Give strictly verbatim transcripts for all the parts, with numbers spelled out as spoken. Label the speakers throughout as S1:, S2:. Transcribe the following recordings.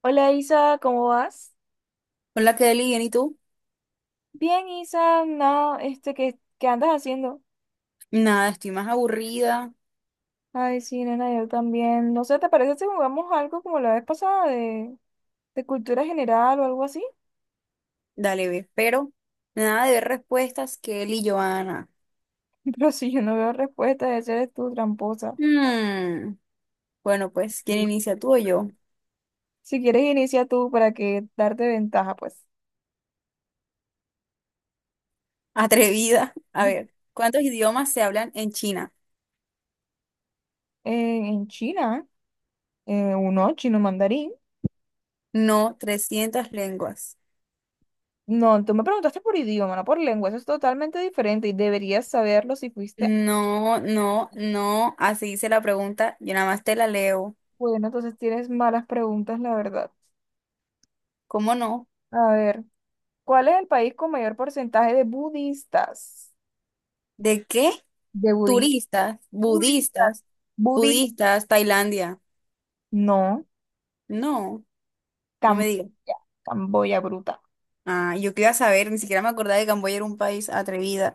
S1: Hola Isa, ¿cómo vas?
S2: Hola, Kelly, ¿bien y tú?
S1: Bien, Isa, no, este, ¿qué, qué andas haciendo?
S2: Nada, estoy más aburrida.
S1: Ay, sí, nena, yo también. No sé, ¿te parece si jugamos algo como la vez pasada de, de cultura general o algo así?
S2: Dale, ve, pero nada de ver respuestas, Kelly y Joana.
S1: Pero si yo no veo respuesta, de ser tú tramposa.
S2: Hmm, Bueno, pues, ¿quién inicia tú o yo?
S1: Si quieres, inicia tú para que darte ventaja, pues.
S2: Atrevida. A ver, ¿cuántos idiomas se hablan en China?
S1: Eh, en China, eh, uno, chino mandarín.
S2: No, trescientas lenguas.
S1: No, tú me preguntaste por idioma, no por lengua, eso es totalmente diferente y deberías saberlo si fuiste.
S2: No, no, no. Así dice la pregunta. Yo nada más te la leo.
S1: Bueno, entonces tienes malas preguntas, la verdad.
S2: ¿Cómo no?
S1: A ver. ¿Cuál es el país con mayor porcentaje de budistas?
S2: ¿De qué?
S1: De budismo.
S2: Turistas,
S1: Budistas.
S2: budistas,
S1: Budi.
S2: budistas, Tailandia.
S1: No.
S2: No, no me
S1: Camboya.
S2: digas.
S1: Camboya bruta.
S2: Ah, yo quería saber, ni siquiera me acordaba de que Camboya era un país atrevida.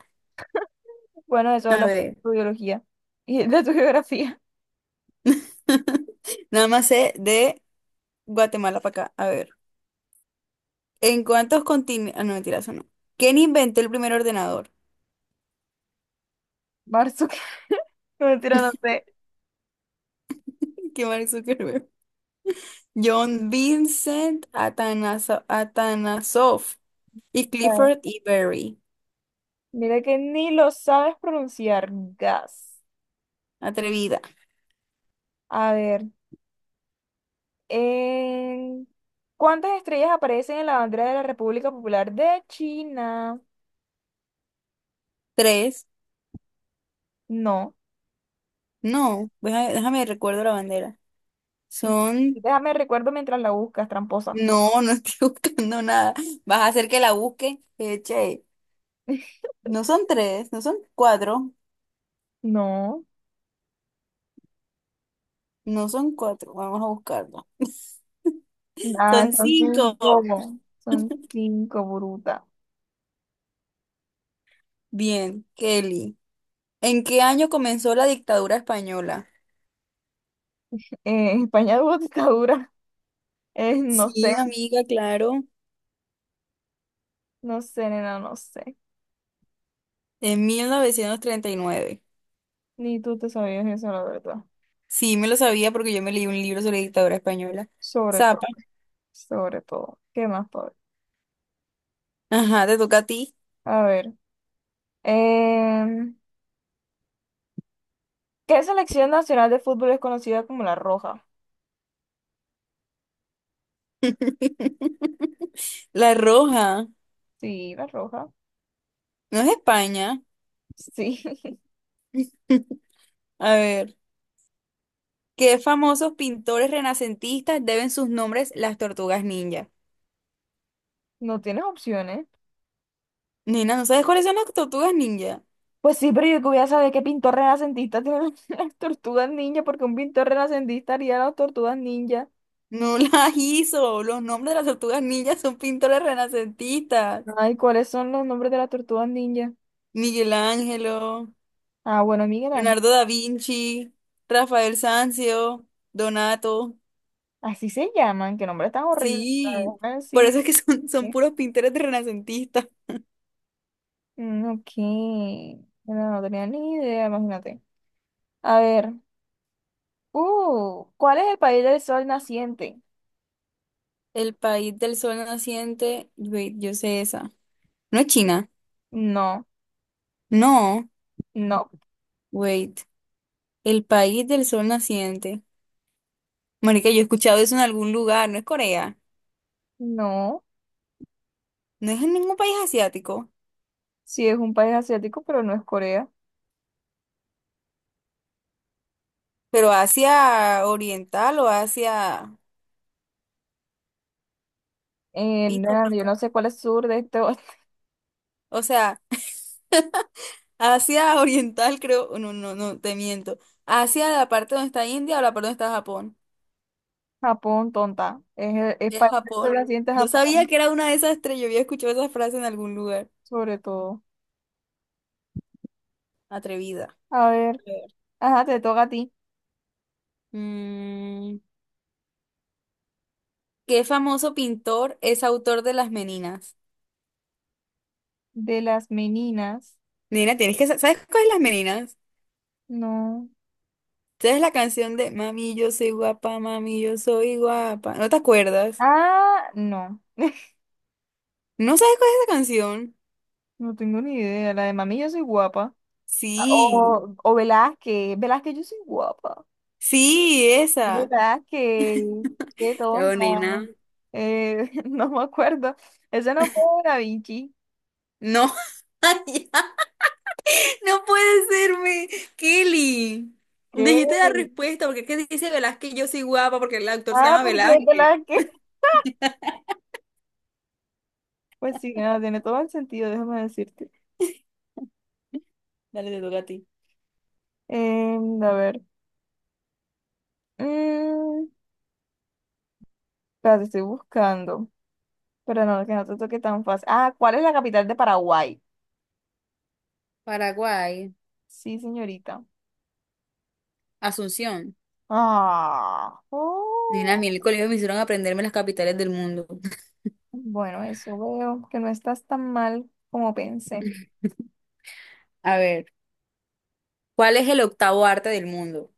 S1: Bueno, eso
S2: A Ah,
S1: habla mucho
S2: ver,
S1: de tu biología y de tu geografía.
S2: nada más sé de Guatemala para acá. A ver, ¿en cuántos continentes? Ah, no, mentira, eso no. ¿Quién inventó el primer ordenador?
S1: Marzo. No, mentira, no sé.
S2: Qué Mark Zuckerberg. John Vincent Atanaso- Atanasoff y
S1: No.
S2: Clifford E. Berry.
S1: Mira que ni lo sabes pronunciar. Gas.
S2: Atrevida.
S1: A ver. en- ¿Cuántas estrellas aparecen en la bandera de la República Popular de China?
S2: Tres.
S1: No.
S2: No, déjame, déjame recuerdo la bandera. Son.
S1: Déjame recuerdo mientras la buscas, tramposa.
S2: No, no estoy buscando nada. Vas a hacer que la busque. Eh, che. No son tres, no son cuatro,
S1: No.
S2: no son cuatro, vamos a buscarlo.
S1: Ah,
S2: Son
S1: son
S2: cinco.
S1: cinco, son cinco, bruta.
S2: Bien, Kelly. ¿En qué año comenzó la dictadura española?
S1: Eh, España tuvo dictadura. Eh, no sé,
S2: Sí, amiga, claro.
S1: no sé, nena, no sé.
S2: En mil novecientos treinta y nueve.
S1: Ni tú te sabías eso, la verdad.
S2: Sí, me lo sabía porque yo me leí un libro sobre dictadura española.
S1: Sobre todo,
S2: Zapa.
S1: sobre todo. ¿Qué más, pobre?
S2: Ajá, te toca a ti.
S1: A ver. em, ¿qué selección nacional de fútbol es conocida como la Roja?
S2: La Roja.
S1: Sí, la Roja.
S2: No es España.
S1: Sí,
S2: A ver. ¿Qué famosos pintores renacentistas deben sus nombres las tortugas ninja?
S1: no tienes opciones.
S2: Nena, ¿no sabes cuáles son las tortugas ninja?
S1: Pues sí, pero yo que voy a saber qué pintor renacentista tiene las tortugas ninja, porque un pintor renacentista haría las tortugas ninja.
S2: No las hizo. Los nombres de las tortugas ninja son pintores renacentistas.
S1: Ay, ¿cuáles son los nombres de las tortugas ninja?
S2: Miguel Ángelo,
S1: Ah, bueno, mira,
S2: Leonardo da Vinci, Rafael Sanzio, Donato.
S1: así se llaman, qué nombre tan horrible.
S2: Sí, por eso
S1: Así.
S2: es que son, son puros pintores de renacentistas.
S1: Mm, ok, no, no tenía ni idea, imagínate. A ver, uh, ¿cuál es el país del sol naciente?
S2: El país del sol naciente. Wait, yo sé esa. ¿No es China?
S1: No,
S2: No.
S1: no,
S2: Wait. El país del sol naciente. Marica, yo he escuchado eso en algún lugar. No es Corea.
S1: no.
S2: No es en ningún país asiático.
S1: Sí, es un país asiático, pero no es Corea.
S2: Pero hacia oriental o hacia.
S1: Eh,
S2: Pista,
S1: no, yo
S2: pista.
S1: no sé cuál es sur de este.
S2: O sea, hacia oriental creo. No, no, no, te miento. Hacia la parte donde está India o la parte donde está Japón.
S1: Japón, tonta. Es, el- es
S2: Es
S1: país del sol
S2: Japón.
S1: naciente
S2: Yo sabía
S1: Japón,
S2: que era una de esas tres. Yo había escuchado esa frase en algún lugar.
S1: sobre todo.
S2: Atrevida. A
S1: A ver,
S2: ver.
S1: ajá, te toca a ti.
S2: Mm, ¿Qué famoso pintor es autor de Las Meninas?
S1: De las meninas.
S2: Nena, tienes que... sa- ¿Sabes cuál es Las Meninas?
S1: No.
S2: ¿Sabes la canción de Mami, yo soy guapa, mami, yo soy guapa? ¿No te acuerdas?
S1: Ah, no.
S2: ¿No sabes cuál es esa canción?
S1: No tengo ni idea. La de mami, yo soy guapa.
S2: Sí,
S1: O, o Velázquez. Velázquez, yo soy guapa.
S2: sí, esa.
S1: Velázquez. Qué
S2: Chao,
S1: tonta.
S2: nena.
S1: Eh, no me acuerdo. Ese no fue Da Vinci.
S2: No, ya, no puede serme. Kelly,
S1: ¿Qué?
S2: dijiste la respuesta porque es que dice Velázquez, yo soy guapa porque el actor se
S1: Ah,
S2: llama
S1: porque es
S2: Velázquez.
S1: Velázquez. Pues sí, nada, tiene todo el sentido, déjame decirte.
S2: Dale, te toca a ti.
S1: Em, a ver. Mm, espérate, estoy buscando. Pero no, que no te toque tan fácil. Ah, ¿cuál es la capital de Paraguay?
S2: Paraguay,
S1: Sí, señorita.
S2: Asunción.
S1: Ah,
S2: Nena, a mí
S1: oh.
S2: en el colegio me hicieron aprenderme las capitales del mundo.
S1: Bueno, eso veo, que no estás tan mal como pensé.
S2: A ver, ¿cuál es el octavo arte del mundo?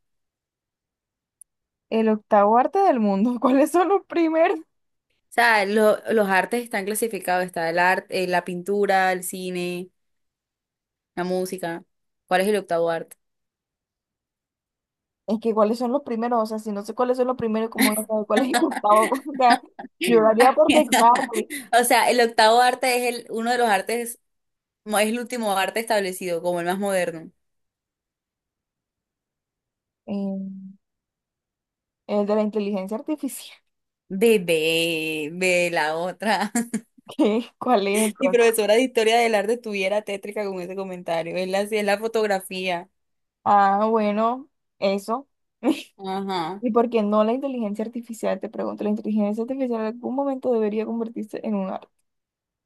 S1: El octavo arte del mundo, ¿cuáles son los primeros?
S2: O sea, lo- los artes están clasificados, está el arte, eh, la pintura, el cine, la música. ¿Cuál es el octavo arte?
S1: Es que cuáles son los primeros, o sea, si no sé cuáles son los primeros, ¿cómo voy a saber cuál es el octavo? O sea, yo lo haría por descarte.
S2: O sea, el octavo arte es el, uno de los artes, no, es el último arte establecido, como el más moderno.
S1: Eh, el de la inteligencia artificial.
S2: Bebé, ve la otra.
S1: ¿Qué? ¿Cuál es
S2: Mi
S1: entonces?
S2: profesora de historia del arte estuviera tétrica con ese comentario. Es la, sí, es la fotografía.
S1: Ah, bueno, eso.
S2: Ajá,
S1: ¿Y por qué no la inteligencia artificial? Te pregunto, ¿la inteligencia artificial en algún momento debería convertirse en un arte?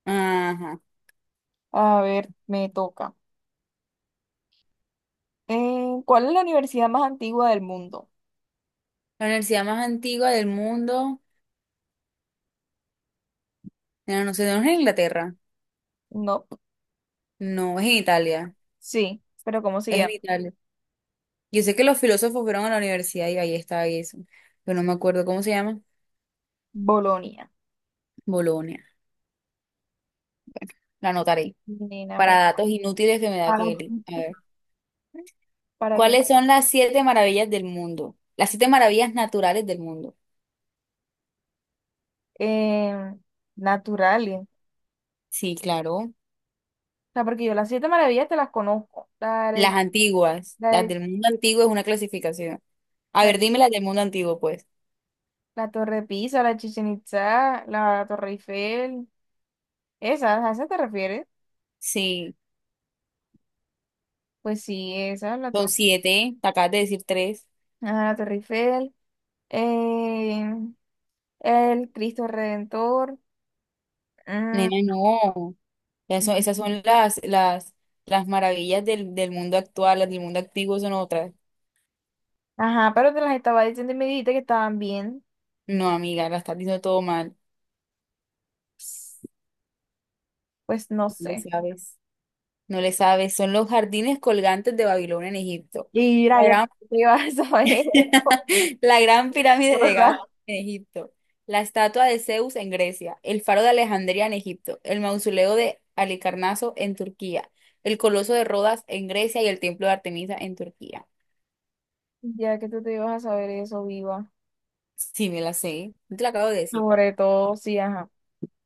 S2: ajá.
S1: A ver, me toca. Eh, ¿cuál es la universidad más antigua del mundo?
S2: La universidad más antigua del mundo. No, no sé, no es en Inglaterra.
S1: No,
S2: No, es en Italia.
S1: sí, pero ¿cómo se
S2: Es en
S1: llama?
S2: Italia. Yo sé que los filósofos fueron a la universidad y ahí está eso. Pero no me acuerdo cómo se llama.
S1: Bolonia.
S2: Bolonia. La anotaré.
S1: Nena, para,
S2: Para datos inútiles que me da
S1: para,
S2: Kelly. A ver.
S1: ¿para qué?
S2: ¿Cuáles son las siete maravillas del mundo? Las siete maravillas naturales del mundo.
S1: Eh, naturales. O
S2: Sí, claro.
S1: sea, porque yo las siete maravillas te las conozco. La,
S2: Las
S1: de-
S2: antiguas.
S1: la,
S2: Las
S1: de-
S2: del mundo antiguo es una clasificación. A
S1: la,
S2: ver, dime las del mundo antiguo, pues.
S1: la Torre de Pisa, la Chichen Itza, la Torre Eiffel. ¿Esas? ¿A esas te refieres?
S2: Sí,
S1: Pues sí, esa, la
S2: son
S1: Torre,
S2: siete. Te acabas de decir tres.
S1: ajá, la Torre Eiffel. eh, el Cristo Redentor.
S2: Nena, no. Eso-
S1: Mm.
S2: esas son las, las, las maravillas del, del mundo actual. Las del mundo antiguo son otras.
S1: Ajá, pero te las estaba diciendo y me dijiste que estaban bien.
S2: No, amiga, la estás diciendo todo mal.
S1: Pues no
S2: Le
S1: sé.
S2: sabes. No le sabes, son los jardines colgantes de Babilonia en Egipto.
S1: Y mira,
S2: La
S1: ya que
S2: gran,
S1: tú te ibas a saber eso,
S2: la gran pirámide de
S1: ¿verdad?
S2: Gat en Egipto. La estatua de Zeus en Grecia. El faro de Alejandría en Egipto. El mausoleo de Halicarnaso en Turquía. El coloso de Rodas en Grecia y el templo de Artemisa en Turquía.
S1: Ya que tú te ibas a saber eso, viva.
S2: Sí, me la sé. No te la acabo de decir.
S1: Sobre todo, sí, ajá.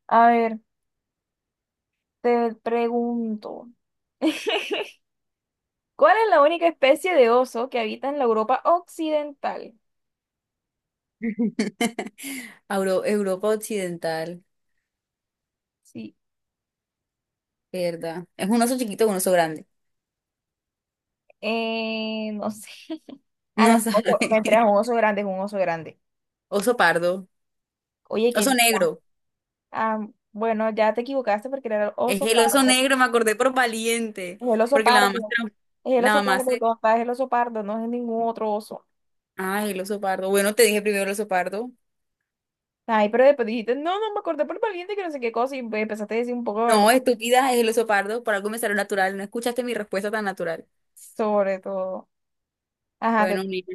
S1: A ver, te pregunto. ¿Cuál es la única especie de oso que habita en la Europa occidental?
S2: Auro- Europa Occidental,
S1: Sí,
S2: ¿verdad? Es un oso chiquito con un oso grande.
S1: eh, no sé. Ah, no,
S2: No
S1: oso,
S2: sabe.
S1: me entré a un oso grande, es un oso grande.
S2: Oso pardo.
S1: Oye, qué
S2: Oso
S1: vida.
S2: negro.
S1: Ah, bueno, ya te equivocaste porque era el
S2: Es
S1: oso
S2: el oso
S1: pardo.
S2: negro, me acordé por valiente,
S1: Es el oso
S2: porque la mamá, se
S1: pardo.
S2: lo-
S1: Es el
S2: la
S1: oso
S2: mamá
S1: pardo,
S2: se.
S1: tonta. Es el oso pardo, no es ningún otro oso.
S2: Ah, el oso pardo. Bueno, te dije primero el oso pardo.
S1: Ay, pero después dijiste, no, no, me acordé por valiente que no sé qué cosa y pues, empezaste a decir un poco de barba.
S2: No, estúpida, es el oso pardo. Por algo me salió natural. No escuchaste mi respuesta tan natural.
S1: Sobre todo. Ajá,
S2: Bueno,
S1: te,
S2: mira,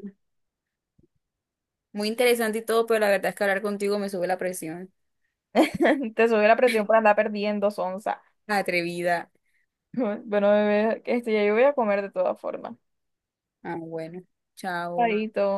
S2: muy interesante y todo, pero la verdad es que hablar contigo me sube la presión.
S1: te subió la presión por andar perdiendo, sonza.
S2: Atrevida.
S1: Bueno, bebé, este, ya yo voy a comer de todas formas.
S2: Ah, bueno. Chao.
S1: Chaito.